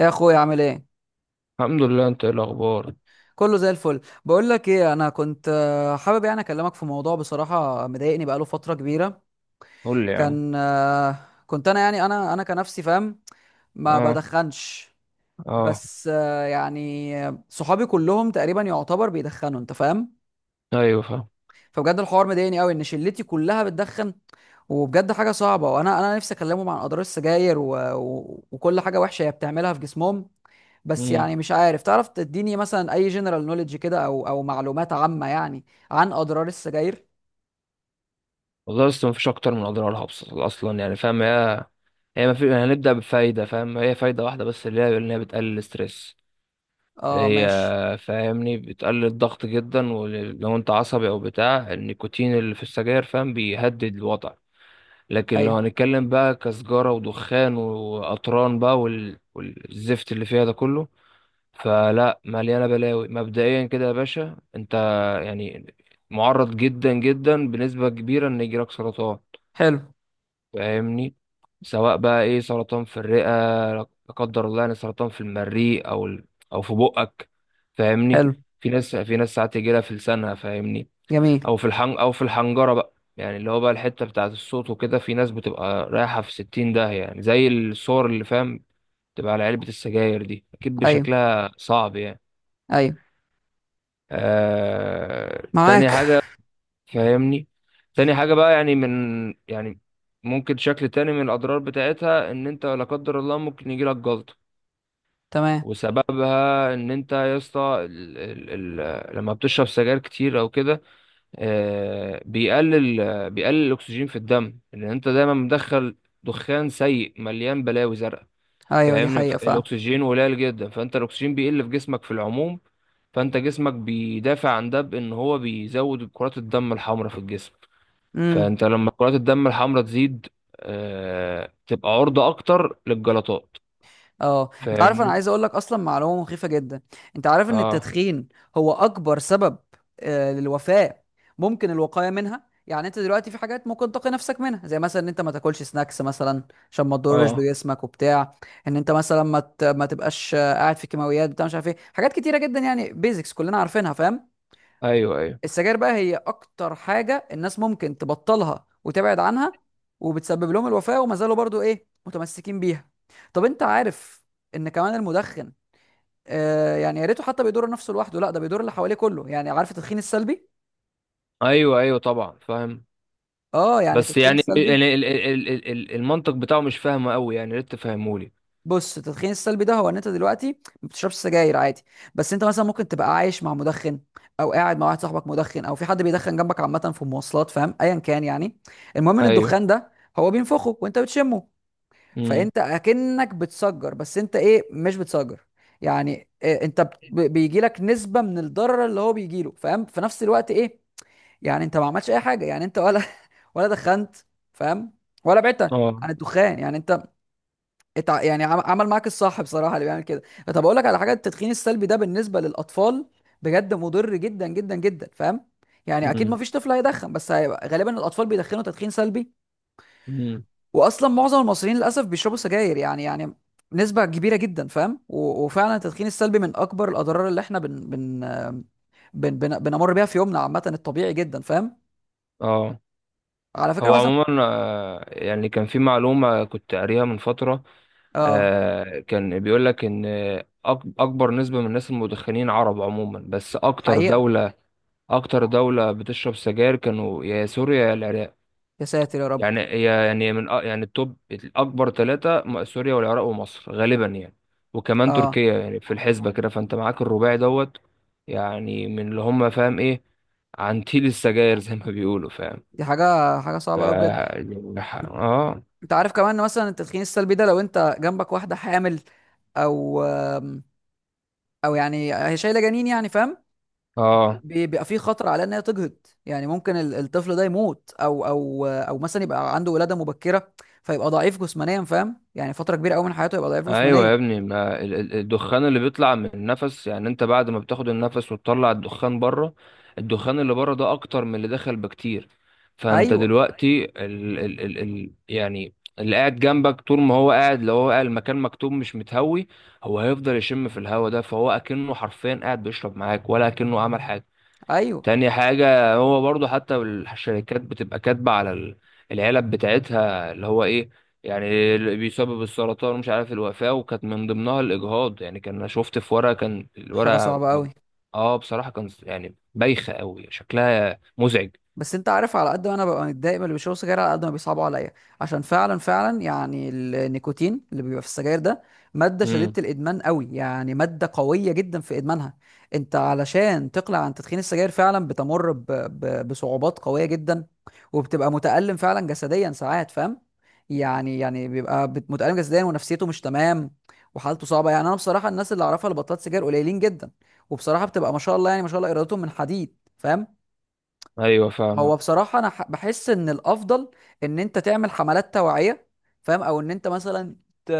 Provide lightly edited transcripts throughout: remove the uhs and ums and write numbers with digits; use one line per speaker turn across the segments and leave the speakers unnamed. يا اخويا عامل ايه؟
الحمد لله، انت ايه الاخبار؟
كله زي الفل. بقول لك ايه، انا كنت حابب يعني اكلمك في موضوع بصراحه مضايقني بقاله فتره كبيره.
قول لي يا عم.
كان كنت انا يعني انا كنفسي فاهم، ما
اه.
بدخنش.
اه.
بس يعني صحابي كلهم تقريبا يعتبر بيدخنوا، انت فاهم.
ايوه، فاهم.
فبجد الحوار مضايقني قوي ان شلتي كلها بتدخن، وبجد حاجه صعبه. وانا نفسي اكلمهم عن اضرار السجاير وكل حاجه وحشه هي بتعملها في جسمهم. بس
امم.
يعني مش عارف، تعرف تديني مثلا اي جنرال نوليدج كده او معلومات عامة يعني، عن اضرار السجاير؟
والله لسه مفيش اكتر من اضرارها، اصلا يعني فاهم هي، ما في، هنبدا بفايده، فاهم، هي فايده واحده بس اللي هي ان هي بتقلل الستريس.
اه،
هي
ماشي.
فاهمني بتقلل الضغط جدا، ولو انت عصبي او بتاع النيكوتين اللي في السجاير فاهم بيهدد الوضع. لكن لو
ايوه.
هنتكلم بقى كسجارة ودخان وقطران بقى والزفت اللي فيها ده كله، فلا، مليانه بلاوي مبدئيا كده يا باشا انت. يعني معرض جدا جدا بنسبه كبيره ان يجيلك سرطان،
حلو.
فاهمني، سواء بقى ايه سرطان في الرئه، لا قدر الله، يعني سرطان في المريء او في بقك، فاهمني.
حلو.
في ناس ساعات يجيلها في لسانها، فاهمني.
جميل.
او في الحن او في الحنجره بقى، يعني اللي هو بقى الحته بتاعه الصوت وكده. في ناس بتبقى رايحه في 60 داهيه، يعني زي الصور اللي فاهم تبقى على علبه السجاير دي اكيد،
ايوه.
بشكلها صعب يعني.
ايوه.
تاني
معاك.
حاجة، فاهمني. تاني حاجة بقى، يعني من، يعني ممكن شكل تاني من الأضرار بتاعتها، إن أنت لا قدر الله ممكن يجيلك جلطة.
تمام.
وسببها إن أنت يا اسطى، لما بتشرب سجاير كتير أو كده، آه... بيقلل بيقلل الأكسجين في الدم، إن أنت دايما مدخل دخان سيء مليان بلاوي زرقاء،
ايوه دي
فاهمني.
حقيقة
الأكسجين قليل جدا، فأنت الأكسجين بيقل في جسمك في العموم، فانت جسمك بيدافع عن ده بان هو بيزود كرات الدم الحمراء في الجسم.
فعلا.
فانت لما كرات الدم الحمراء تزيد تبقى عرضة اكتر للجلطات.
اه، انت عارف انا
فاهمني.
عايز اقول لك اصلا معلومه مخيفه جدا. انت عارف ان
اه.
التدخين هو اكبر سبب للوفاه ممكن الوقايه منها. يعني انت دلوقتي في حاجات ممكن تقي نفسك منها، زي مثلا ان انت ما تاكلش سناكس مثلا عشان ما تضرش
اه.
بجسمك وبتاع، ان انت مثلا ما تبقاش قاعد في كيماويات، بتاع مش عارف ايه، حاجات كتيره جدا يعني بيزكس كلنا عارفينها فاهم.
ايوه، ايوه،
السجاير بقى هي اكتر حاجه الناس ممكن تبطلها وتبعد عنها، وبتسبب لهم الوفاه، وما زالوا برضو ايه متمسكين بيها. طب انت عارف ان كمان المدخن، آه يعني يا ريته حتى بيضر نفسه لوحده، لا ده بيضر اللي حواليه كله، يعني عارف التدخين السلبي؟
ايوه، ايوه، طبعا، فاهم.
اه يعني
بس
التدخين
يعني
السلبي،
المنطق بتاعه مش فاهمه قوي، يعني يا ريت تفهمهولي.
بص التدخين السلبي ده هو ان انت دلوقتي ما بتشربش سجاير عادي، بس انت مثلا ممكن تبقى عايش مع مدخن، او قاعد مع واحد صاحبك مدخن، او في حد بيدخن جنبك عامه في المواصلات فاهم، ايا كان يعني. المهم ان
ايوه.
الدخان ده هو بينفخه وانت بتشمه،
امم.
فانت اكنك بتسجر، بس انت ايه مش بتسجر. يعني إيه، انت بيجي لك نسبه من الضرر اللي هو بيجي له، فاهم، في نفس الوقت ايه، يعني انت ما عملتش اي حاجه يعني، انت ولا ولا دخنت، فاهم، ولا بعدت
اه.
عن الدخان. يعني انت يعني عمل معاك الصح بصراحه اللي بيعمل كده. طب اقول لك على حاجه، التدخين السلبي ده بالنسبه للاطفال بجد مضر جدا جدا جدا فاهم. يعني اكيد ما
امم.
فيش طفل هيدخن، بس هيبقى غالبا الاطفال بيدخنوا تدخين سلبي.
امم.
واصلا معظم المصريين للاسف بيشربوا سجاير يعني، يعني نسبه كبيره جدا فاهم. وفعلا التدخين السلبي من اكبر الاضرار اللي احنا بن بن بن بن بنمر بيها في يومنا عامه، الطبيعي جدا فاهم.
اه.
على فكره
هو
مثلا.
عموما يعني كان في معلومه كنت قاريها من فتره،
اه.
كان بيقول لك ان اكبر نسبة من الناس المدخنين عرب عموما، بس اكتر
حقيقه.
دولة اكتر دولة بتشرب سجاير كانوا يا سوريا يا العراق.
يا ساتر يا رب.
يعني يعني يعني التوب الاكبر ثلاثة سوريا والعراق ومصر غالبا، يعني، وكمان
اه.
تركيا، يعني في الحسبة كده فانت معاك الرباعي دوت. يعني من اللي هم فاهم ايه عن تيل السجاير زي ما بيقولوا، فاهم.
دي حاجه، حاجه صعبه قوي بجد.
اه.
انت عارف كمان ان مثلا التدخين السلبي ده لو انت جنبك واحده حامل، او او يعني هي شايله جنين يعني فاهم،
اه.
بيبقى في خطر على ان هي تجهض، يعني ممكن الطفل ده يموت، او او او مثلا يبقى عنده ولاده مبكره، فيبقى ضعيف جسمانيا فاهم، يعني فتره كبيره قوي من حياته يبقى ضعيف
ايوه
جسمانيا.
يا ابني، ما الدخان اللي بيطلع من النفس، يعني انت بعد ما بتاخد النفس وتطلع الدخان بره، الدخان اللي بره ده اكتر من اللي دخل بكتير. فانت
ايوه.
دلوقتي ال ال ال ال يعني، اللي قاعد جنبك طول ما هو قاعد، لو هو قاعد المكان مكتوم مش متهوي، هو هيفضل يشم في الهوا ده، فهو اكنه حرفيا قاعد بيشرب معاك ولا اكنه عمل حاجه.
ايوه.
تاني حاجة هو برضو، حتى الشركات بتبقى كاتبة على العلب بتاعتها اللي هو ايه، يعني اللي بيسبب السرطان ومش عارف الوفاة، وكانت من ضمنها الإجهاض. يعني كان أنا شفت في ورقة، كان
حاجه
الورقة
صعبه قوي.
اه، بصراحة كان يعني بايخة قوي، شكلها مزعج.
بس انت عارف، على قد ما انا ببقى متضايق من اللي بيشربوا سجاير، على قد ما بيصعبوا عليا، عشان فعلا فعلا يعني النيكوتين اللي بيبقى في السجاير ده ماده شديده
امم.
الادمان قوي، يعني ماده قويه جدا في ادمانها. انت علشان تقلع عن تدخين السجاير فعلا بتمر بصعوبات قويه جدا، وبتبقى متألم فعلا جسديا ساعات فاهم، يعني يعني بيبقى متألم جسديا، ونفسيته مش تمام، وحالته صعبه. يعني انا بصراحه الناس اللي اعرفها اللي بطلت سجاير قليلين جدا، وبصراحه بتبقى ما شاء الله، يعني ما شاء الله ارادتهم من حديد فاهم.
ايوه،
هو
فاهمك.
بصراحة أنا بحس إن الأفضل إن أنت تعمل حملات توعية فاهم، أو إن أنت مثلا ت...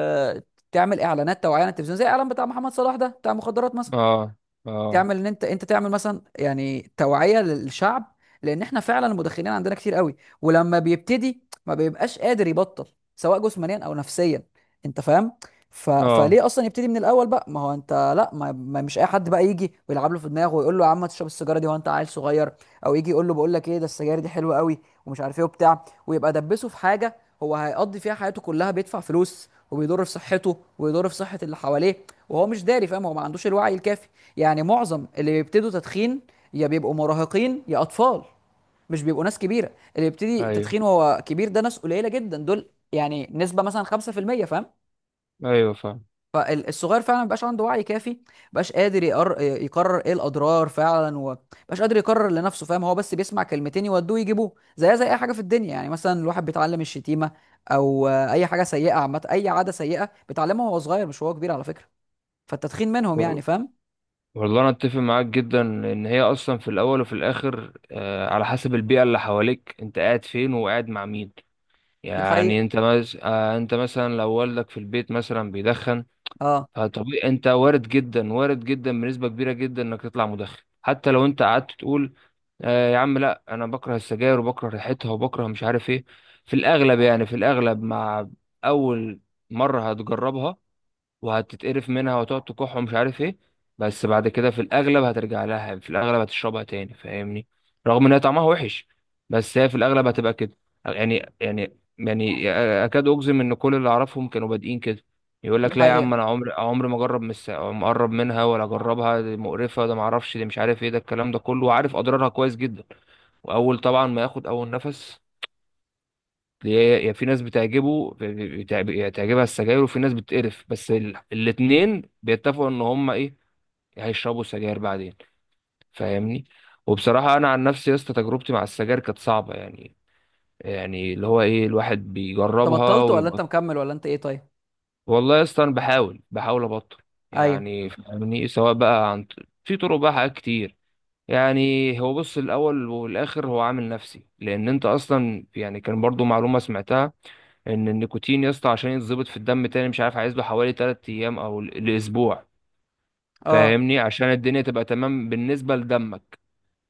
تعمل إعلانات توعية على التلفزيون، زي الإعلان بتاع محمد صلاح ده بتاع مخدرات مثلا.
اه. اه.
تعمل ان انت، انت تعمل مثلا يعني توعيه للشعب، لان احنا فعلا المدخنين عندنا كتير قوي. ولما بيبتدي ما بيبقاش قادر يبطل سواء جسمانيا او نفسيا، انت فاهم.
اه.
فليه اصلا يبتدي من الاول بقى؟ ما هو انت لا ما... ما مش اي حد بقى يجي ويلعب له في دماغه ويقول له يا عم تشرب السيجاره دي وانت عيل صغير، او يجي يقول له بقول لك ايه، ده السجاير دي حلوه قوي ومش عارف ايه وبتاع، ويبقى دبسه في حاجه هو هيقضي فيها حياته كلها، بيدفع فلوس وبيضر في صحته وبيضر في صحه اللي حواليه وهو مش داري فاهم، هو ما عندوش الوعي الكافي. يعني معظم اللي بيبتدوا تدخين يا بيبقوا مراهقين يا اطفال، مش بيبقوا ناس كبيره. اللي بيبتدي
ايوه.
تدخين وهو كبير ده ناس قليله جدا دول، يعني نسبه مثلا 5% فاهم.
ايوه، فاهم.
فالصغير فعلا مبقاش عنده وعي كافي، مبقاش قادر يقرر ايه الاضرار فعلا، ومبقاش قادر يقرر لنفسه فاهم. هو بس بيسمع كلمتين يودوه يجيبوه، زي اي حاجه في الدنيا، يعني مثلا الواحد بيتعلم الشتيمه او اي حاجه سيئه عامه، اي عاده سيئه بيتعلمها وهو صغير، مش وهو كبير على فكره. فالتدخين منهم
و-
يعني فاهم.
والله انا اتفق معاك جدا ان هي اصلا في الاول وفي الاخر آه، على حسب البيئة اللي حواليك، انت قاعد فين وقاعد مع مين.
دي حقيقه.
يعني انت انت مثلا لو والدك في البيت مثلا بيدخن،
اه
فطبيعي انت وارد جدا، وارد جدا بنسبة كبيرة جدا انك تطلع مدخن. حتى لو انت قعدت تقول آه يا عم لا، انا بكره السجاير وبكره ريحتها وبكره مش عارف ايه، في الاغلب، يعني في الاغلب مع اول مرة هتجربها وهتتقرف منها وتقعد تكح ومش عارف ايه، بس بعد كده في الاغلب هترجع لها، في الاغلب هتشربها تاني، فاهمني. رغم ان هي طعمها وحش بس هي في الاغلب هتبقى كده. يعني اكاد اجزم ان كل اللي اعرفهم كانوا بادئين كده. يقول
دي
لك لا يا عم،
حقيقه.
انا عمري، ما اجرب، مقرب منها ولا اجربها، دي مقرفه، ده ما اعرفش، دي مش عارف ايه، ده الكلام ده كله، وعارف اضرارها كويس جدا. واول طبعا ما ياخد اول نفس، يا في ناس بتعجبه يعني تعجبها السجاير، وفي ناس بتقرف، بس الاتنين بيتفقوا ان هم ايه، هيشربوا سجاير بعدين، فاهمني. وبصراحة انا عن نفسي يا اسطى تجربتي مع السجاير كانت صعبة، يعني، يعني اللي هو ايه، الواحد
انت
بيجربها
بطلت ولا انت
ويبقى.
مكمل ولا انت ايه طيب؟
والله يا اسطى انا بحاول، ابطل،
ايوه.
يعني فاهمني، سواء بقى عن، في طرق بقى، حاجات كتير. يعني هو بص، الاول والاخر هو عامل نفسي، لان انت اصلا يعني كان برضو معلومة سمعتها ان النيكوتين يا اسطى عشان يتظبط في الدم تاني، مش عارف عايز له حوالي 3 ايام او لاسبوع،
اه.
فاهمني، عشان الدنيا تبقى تمام بالنسبه لدمك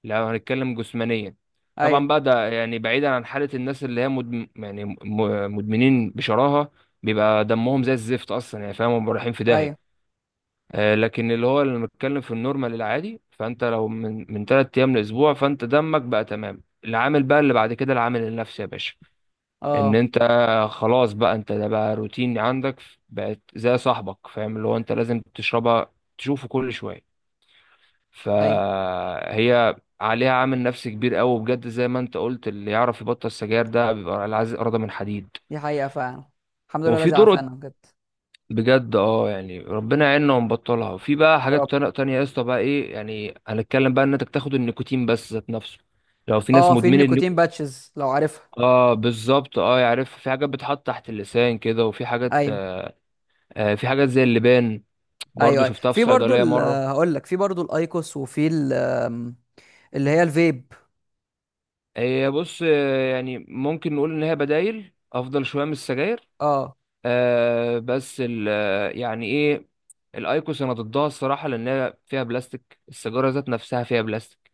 لو هنتكلم جسمانيا. طبعا
ايوه.
بقى ده يعني بعيدا عن حاله الناس اللي هي يعني مدمنين بشراهه، بيبقى دمهم زي الزفت اصلا يعني فاهم هم رايحين في
ايوه.
داهيه. لكن اللي هو اللي بنتكلم في النورمال العادي، فانت لو من 3 ايام لاسبوع فانت دمك بقى تمام، العامل بقى اللي بعد كده العامل النفسي يا باشا، ان
اه.
انت خلاص بقى، انت ده بقى روتين عندك، بقت زي صاحبك، فاهم، اللي هو انت لازم تشربها، تشوفه كل شويه.
ايوه
فهي عليها عامل نفسي كبير قوي بجد، زي ما انت قلت اللي يعرف يبطل السجاير ده بيبقى العزيز اراده من حديد.
دي حقيقة فعلا. الحمد لله
وفي
الذي
طرق،
عافانا بجد.
بجد اه، يعني ربنا يعيننا ونبطلها. وفي بقى
يا
حاجات
رب.
تانية يا اسطى بقى ايه، يعني هنتكلم بقى ان انت تاخد النيكوتين بس ذات نفسه لو في ناس
اه، في
مدمنه
النيكوتين باتشز لو عارفها.
اه. بالظبط، اه، يعرف في حاجات بتحط تحت اللسان كده وفي حاجات،
ايوه.
في حاجات زي اللبان،
ايوه.
برضو
ايوه،
شفتها في
في برضو
صيدلية مرة.
هقول لك، في برضو الايكوس، وفي ال- آم، اللي هي الفيب.
هي بص يعني ممكن نقول إن هي بدايل أفضل شوية من السجاير،
اه.
بس يعني إيه، الأيكوس أنا ضدها الصراحة، لأن هي فيها بلاستيك، السيجارة ذات نفسها فيها بلاستيك.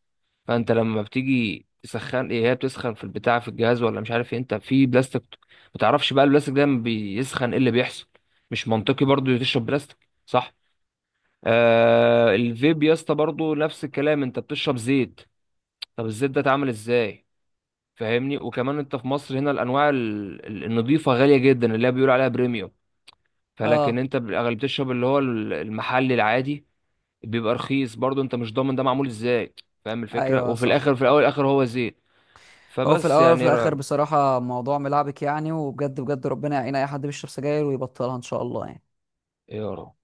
فأنت لما بتيجي تسخن إيه هي، بتسخن في البتاع في الجهاز ولا مش عارف إيه، أنت في بلاستيك، ما تعرفش بقى البلاستيك ده لما بيسخن إيه اللي بيحصل، مش منطقي برضو تشرب بلاستيك، صح. الفيب يا اسطى برضه نفس الكلام، انت بتشرب زيت، طب الزيت ده اتعمل ازاي، فاهمني، وكمان انت في مصر هنا الانواع النضيفه غاليه جدا اللي هي بيقول عليها بريميوم، فلكن
اه.
انت بالاغلب بتشرب اللي هو المحلي العادي، بيبقى رخيص، برضو انت مش ضامن ده معمول ازاي، فاهم الفكره،
ايوه
وفي
صح.
الاخر، في الاول الاخر هو زيت،
هو في
فبس
الاول وفي
يعني يا
الاخر
رب،
بصراحة موضوع ملعبك يعني، وبجد بجد ربنا يعين اي حد بيشرب سجاير ويبطلها ان شاء الله يعني.
يا رب.